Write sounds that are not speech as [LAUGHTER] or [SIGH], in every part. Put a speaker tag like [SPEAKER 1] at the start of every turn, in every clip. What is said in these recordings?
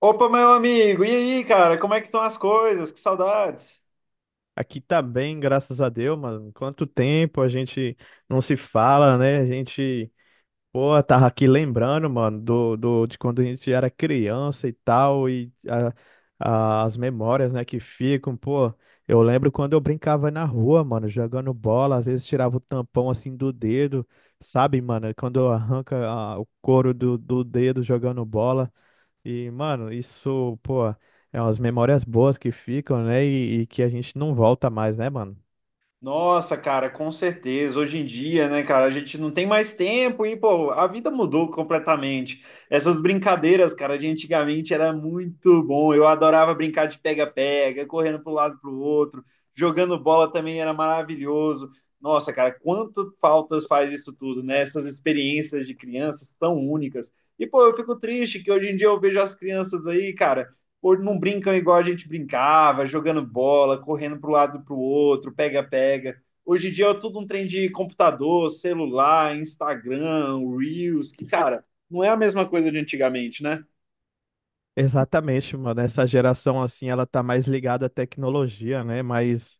[SPEAKER 1] Opa, meu amigo, e aí, cara, como é que estão as coisas? Que saudades!
[SPEAKER 2] Aqui tá bem, graças a Deus, mano. Quanto tempo a gente não se fala, né? A gente, pô, tava aqui lembrando, mano, de quando a gente era criança e tal, e as memórias, né, que ficam, pô. Eu lembro quando eu brincava na rua, mano, jogando bola, às vezes tirava o tampão assim do dedo, sabe, mano? Quando arranca o couro do dedo jogando bola. E, mano, isso, pô, é umas memórias boas que ficam, né? E que a gente não volta mais, né, mano?
[SPEAKER 1] Nossa, cara, com certeza. Hoje em dia, né, cara, a gente não tem mais tempo e, pô, a vida mudou completamente. Essas brincadeiras, cara, de antigamente era muito bom. Eu adorava brincar de pega-pega, correndo para um lado para o outro, jogando bola também era maravilhoso. Nossa, cara, quanto faltas faz isso tudo, né? Essas experiências de crianças tão únicas. E, pô, eu fico triste que hoje em dia eu vejo as crianças aí, cara. Hoje não brincam igual a gente brincava, jogando bola, correndo para o lado e para o outro, pega-pega. Hoje em dia é tudo um trem de computador, celular, Instagram, Reels, que, cara, não é a mesma coisa de antigamente, né?
[SPEAKER 2] Exatamente, mano. Essa geração, assim, ela tá mais ligada à tecnologia, né? Mais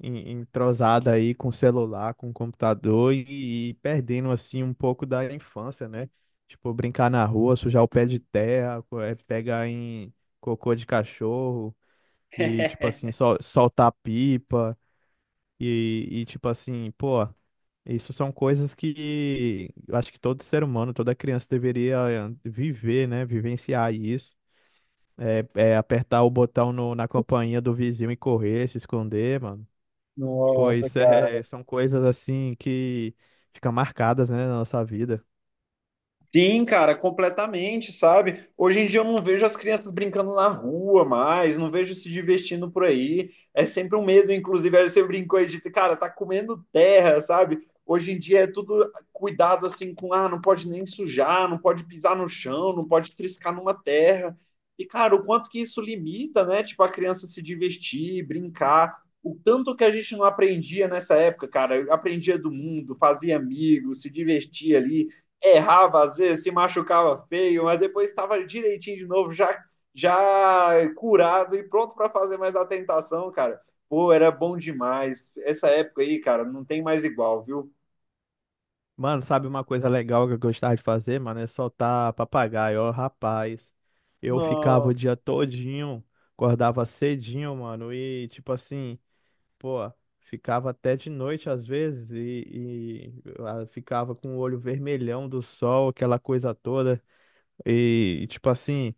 [SPEAKER 2] entrosada aí com celular, com computador e perdendo, assim, um pouco da infância, né? Tipo, brincar na rua, sujar o pé de terra, pegar em cocô de cachorro e, tipo assim,
[SPEAKER 1] [LAUGHS]
[SPEAKER 2] soltar pipa e tipo assim, pô. Isso são coisas que eu acho que todo ser humano, toda criança deveria viver, né? Vivenciar isso. É, é apertar o botão na companhia do vizinho e correr, se esconder, mano.
[SPEAKER 1] Nossa,
[SPEAKER 2] Pois é, [LAUGHS]
[SPEAKER 1] cara.
[SPEAKER 2] são coisas assim que ficam marcadas, né, na nossa vida.
[SPEAKER 1] Sim, cara, completamente, sabe? Hoje em dia eu não vejo as crianças brincando na rua mais, não vejo se divertindo por aí. É sempre um medo, inclusive, aí você brincou e disse, cara, tá comendo terra, sabe? Hoje em dia é tudo cuidado assim com, não pode nem sujar, não pode pisar no chão, não pode triscar numa terra. E, cara, o quanto que isso limita, né? Tipo, a criança se divertir, brincar. O tanto que a gente não aprendia nessa época, cara, aprendia do mundo, fazia amigos, se divertia ali, errava às vezes, se machucava feio, mas depois estava direitinho de novo, já, já curado e pronto para fazer mais a tentação, cara. Pô, era bom demais. Essa época aí, cara, não tem mais igual, viu?
[SPEAKER 2] Mano, sabe uma coisa legal que eu gostava de fazer, mano? É soltar papagaio. Ó, rapaz, eu ficava o
[SPEAKER 1] Não.
[SPEAKER 2] dia todinho, acordava cedinho, mano, e tipo assim. Pô, ficava até de noite às vezes e ficava com o olho vermelhão do sol, aquela coisa toda. E tipo assim,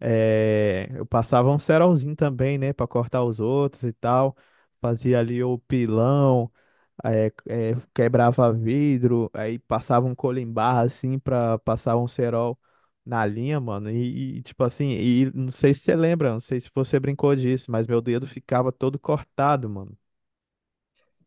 [SPEAKER 2] eu passava um cerolzinho também, né, pra cortar os outros e tal. Fazia ali o pilão, quebrava vidro, aí passava um colimbar assim pra passar um cerol na linha, mano. E tipo assim, e não sei se você lembra, não sei se você brincou disso, mas meu dedo ficava todo cortado, mano.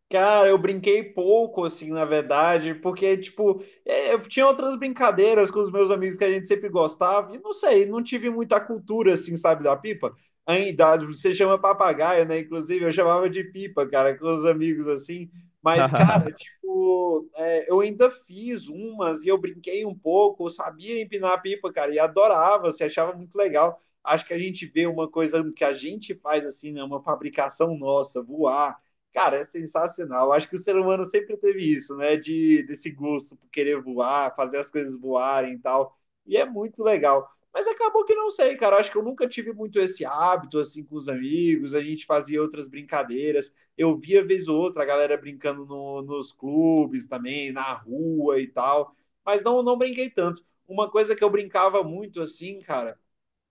[SPEAKER 1] Cara, eu brinquei pouco, assim, na verdade, porque, tipo, é, eu tinha outras brincadeiras com os meus amigos que a gente sempre gostava, e não sei, não tive muita cultura, assim, sabe, da pipa. Ainda, você chama papagaio, né? Inclusive, eu chamava de pipa, cara, com os amigos, assim. Mas, cara, [LAUGHS]
[SPEAKER 2] [LAUGHS]
[SPEAKER 1] tipo, é, eu ainda fiz umas e eu brinquei um pouco, eu sabia empinar a pipa, cara, e adorava, se achava muito legal. Acho que a gente vê uma coisa que a gente faz, assim, né? Uma fabricação nossa, voar. Cara, é sensacional. Acho que o ser humano sempre teve isso, né? De desse gosto por querer voar, fazer as coisas voarem e tal. E é muito legal. Mas acabou que não sei, cara. Acho que eu nunca tive muito esse hábito assim com os amigos. A gente fazia outras brincadeiras. Eu via vez ou outra a galera brincando nos clubes também, na rua e tal. Mas não, não brinquei tanto. Uma coisa que eu brincava muito assim, cara,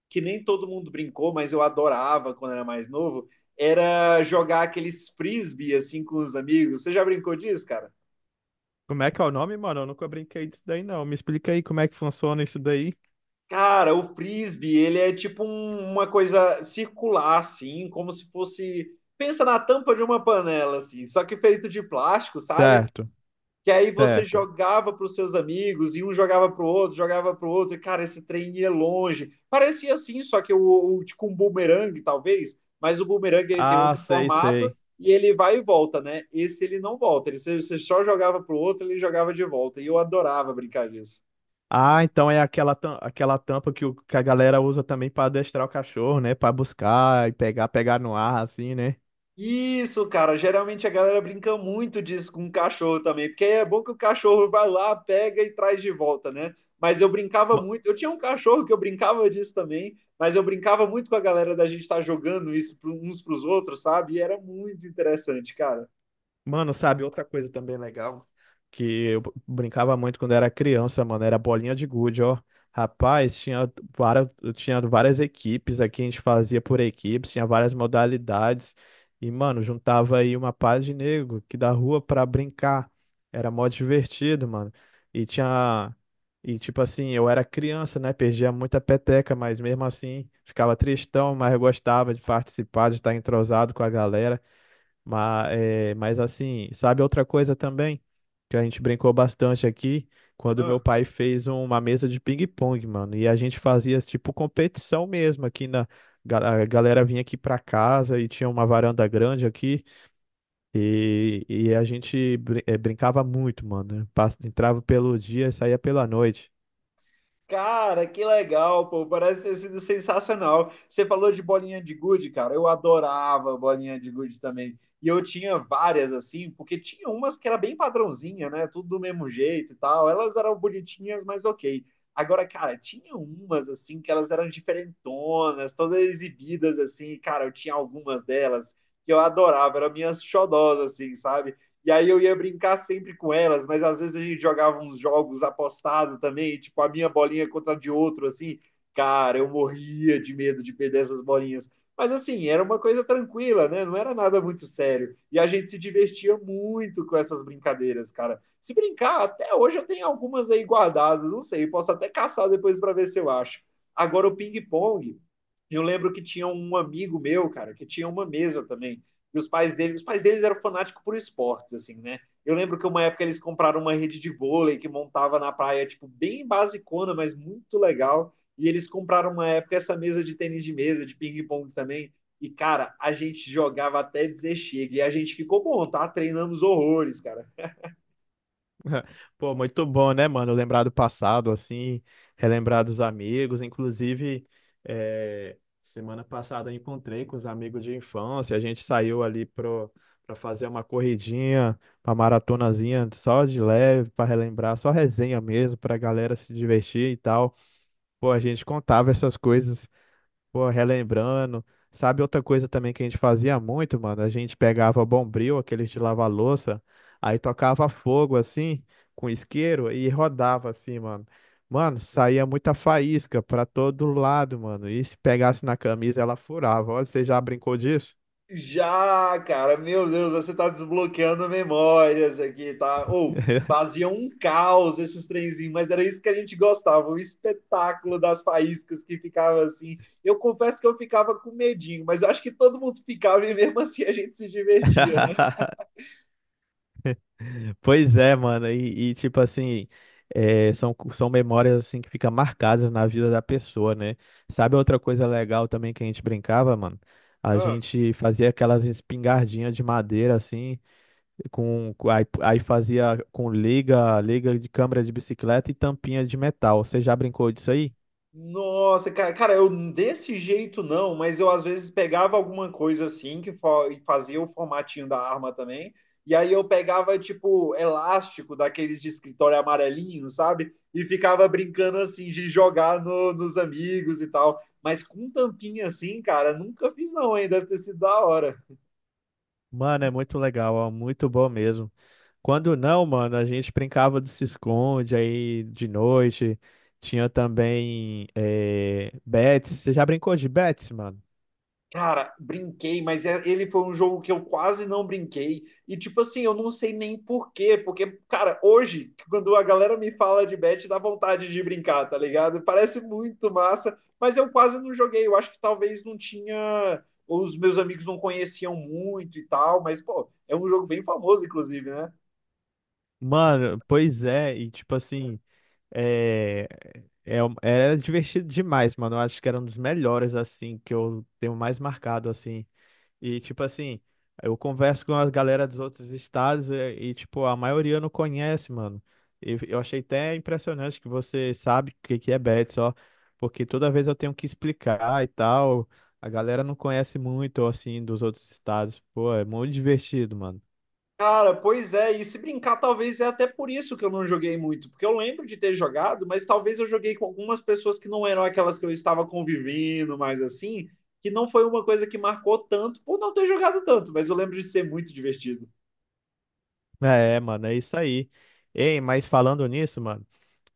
[SPEAKER 1] que nem todo mundo brincou, mas eu adorava quando era mais novo, era jogar aqueles frisbee assim com os amigos. Você já brincou disso, cara?
[SPEAKER 2] Como é que é o nome, mano? Eu nunca brinquei disso daí, não. Me explica aí como é que funciona isso daí.
[SPEAKER 1] Cara, o frisbee, ele é tipo uma coisa circular assim, como se fosse. Pensa na tampa de uma panela, assim, só que feito de plástico, sabe?
[SPEAKER 2] Certo,
[SPEAKER 1] Que aí você
[SPEAKER 2] certo.
[SPEAKER 1] jogava para os seus amigos e um jogava para o outro, jogava para o outro, e cara, esse trem ia longe. Parecia assim, só que o tipo um bumerangue, talvez, mas o bumerangue ele tem
[SPEAKER 2] Ah,
[SPEAKER 1] outro
[SPEAKER 2] sei,
[SPEAKER 1] formato
[SPEAKER 2] sei.
[SPEAKER 1] e ele vai e volta, né? Esse ele não volta, ele, você só jogava para o outro, ele jogava de volta, e eu adorava brincar disso.
[SPEAKER 2] Ah, então é aquela, aquela tampa que, que a galera usa também pra adestrar o cachorro, né? Pra buscar e pegar, pegar no ar, assim, né?
[SPEAKER 1] Isso, cara. Geralmente a galera brinca muito disso com o cachorro também, porque é bom que o cachorro vai lá, pega e traz de volta, né? Mas eu brincava muito. Eu tinha um cachorro que eu brincava disso também, mas eu brincava muito com a galera da gente estar jogando isso uns para os outros, sabe? E era muito interessante, cara.
[SPEAKER 2] Mano, sabe, outra coisa também legal que eu brincava muito quando era criança, mano, era bolinha de gude, ó. Rapaz, tinha várias equipes aqui, a gente fazia por equipes, tinha várias modalidades. E, mano, juntava aí uma pá de nego que da rua pra brincar. Era mó divertido, mano. E tinha. E, tipo assim, eu era criança, né? Perdia muita peteca, mas mesmo assim ficava tristão, mas eu gostava de participar, de estar entrosado com a galera. Mas, é, mas assim, sabe outra coisa também? Que a gente brincou bastante aqui, quando meu
[SPEAKER 1] Ah.
[SPEAKER 2] pai fez uma mesa de ping-pong, mano. E a gente fazia tipo competição mesmo aqui na. A galera vinha aqui pra casa e tinha uma varanda grande aqui. E a gente brincava muito, mano. Entrava pelo dia e saía pela noite.
[SPEAKER 1] Cara, que legal, pô. Parece ter sido sensacional. Você falou de bolinha de gude, cara. Eu adorava bolinha de gude também. E eu tinha várias assim, porque tinha umas que era bem padrãozinha, né? Tudo do mesmo jeito e tal. Elas eram bonitinhas, mas ok. Agora, cara, tinha umas assim que elas eram diferentonas, todas exibidas assim. Cara, eu tinha algumas delas que eu adorava, eram minhas xodós assim, sabe? E aí eu ia brincar sempre com elas, mas às vezes a gente jogava uns jogos apostados também, tipo a minha bolinha contra a de outro, assim. Cara, eu morria de medo de perder essas bolinhas. Mas assim, era uma coisa tranquila, né? Não era nada muito sério. E a gente se divertia muito com essas brincadeiras, cara. Se brincar, até hoje eu tenho algumas aí guardadas, não sei, posso até caçar depois para ver se eu acho. Agora o ping-pong, eu lembro que tinha um amigo meu, cara, que tinha uma mesa também. E os pais dele, os pais deles eram fanáticos por esportes, assim, né? Eu lembro que uma época eles compraram uma rede de vôlei que montava na praia, tipo, bem basicona, mas muito legal. E eles compraram uma época essa mesa de tênis de mesa, de ping-pong também. E, cara, a gente jogava até dizer chega. E a gente ficou bom, tá? Treinamos horrores, cara.
[SPEAKER 2] [LAUGHS] Pô, muito bom, né, mano? Lembrar do passado, assim, relembrar dos amigos. Inclusive, semana passada eu encontrei com os amigos de infância. A gente saiu ali pra fazer uma corridinha, uma maratonazinha só de leve, pra relembrar, só resenha mesmo, pra galera se divertir e tal. Pô, a gente contava essas coisas. Pô, relembrando. Sabe outra coisa também que a gente fazia muito, mano? A gente pegava Bombril, aqueles de lavar louça, aí tocava fogo assim, com isqueiro e rodava assim, mano. Mano, saía muita faísca pra todo lado, mano. E se pegasse na camisa, ela furava. Olha, você já brincou disso?
[SPEAKER 1] Já, cara, meu Deus, você tá desbloqueando memórias aqui, tá? Ou fazia um caos esses trenzinhos, mas era isso que a gente gostava, o espetáculo das faíscas que ficava assim. Eu confesso que eu ficava com medinho, mas eu acho que todo mundo ficava e mesmo assim a gente se divertia, né?
[SPEAKER 2] [LAUGHS] [LAUGHS] Pois é, mano, tipo assim, é, são, são memórias assim que ficam marcadas na vida da pessoa, né? Sabe outra coisa legal também que a gente brincava, mano? A
[SPEAKER 1] Ah.
[SPEAKER 2] gente fazia aquelas espingardinhas de madeira assim, aí fazia com liga, liga de câmara de bicicleta e tampinha de metal. Você já brincou disso aí?
[SPEAKER 1] Nossa, cara, eu desse jeito não, mas eu às vezes pegava alguma coisa assim que e fazia o formatinho da arma também, e aí eu pegava tipo elástico daqueles de escritório amarelinho, sabe? E ficava brincando assim de jogar nos amigos e tal. Mas com tampinha assim, cara, nunca fiz não, hein? Deve ter sido da hora.
[SPEAKER 2] Mano, é muito legal, ó, muito bom mesmo. Quando não, mano, a gente brincava de se esconde aí de noite. Tinha também bets. Você já brincou de bets, mano?
[SPEAKER 1] Cara, brinquei, mas ele foi um jogo que eu quase não brinquei. E, tipo assim, eu não sei nem por quê. Porque, cara, hoje, quando a galera me fala de bet, dá vontade de brincar, tá ligado? Parece muito massa, mas eu quase não joguei. Eu acho que talvez não tinha. Os meus amigos não conheciam muito e tal. Mas, pô, é um jogo bem famoso, inclusive, né?
[SPEAKER 2] Mano, pois é, e tipo assim, é, é, era divertido demais, mano. Eu acho que era um dos melhores, assim, que eu tenho mais marcado, assim. E, tipo assim, eu converso com a galera dos outros estados e, tipo, a maioria não conhece, mano. E eu achei até impressionante que você sabe o que que é bet só, porque toda vez eu tenho que explicar e tal. A galera não conhece muito, assim, dos outros estados. Pô, é muito divertido, mano.
[SPEAKER 1] Cara, pois é, e se brincar, talvez é até por isso que eu não joguei muito, porque eu lembro de ter jogado, mas talvez eu joguei com algumas pessoas que não eram aquelas que eu estava convivendo, mas assim, que não foi uma coisa que marcou tanto por não ter jogado tanto, mas eu lembro de ser muito divertido.
[SPEAKER 2] É, mano, é isso aí. Ei, mas falando nisso, mano,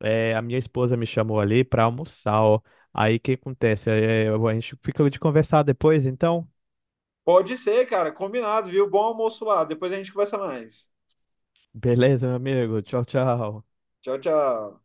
[SPEAKER 2] é, a minha esposa me chamou ali pra almoçar, ó. Aí o que acontece? É, a gente fica de conversar depois, então.
[SPEAKER 1] Pode ser, cara, combinado, viu? Bom almoço lá, depois a gente conversa mais.
[SPEAKER 2] Beleza, meu amigo. Tchau, tchau.
[SPEAKER 1] Tchau, tchau.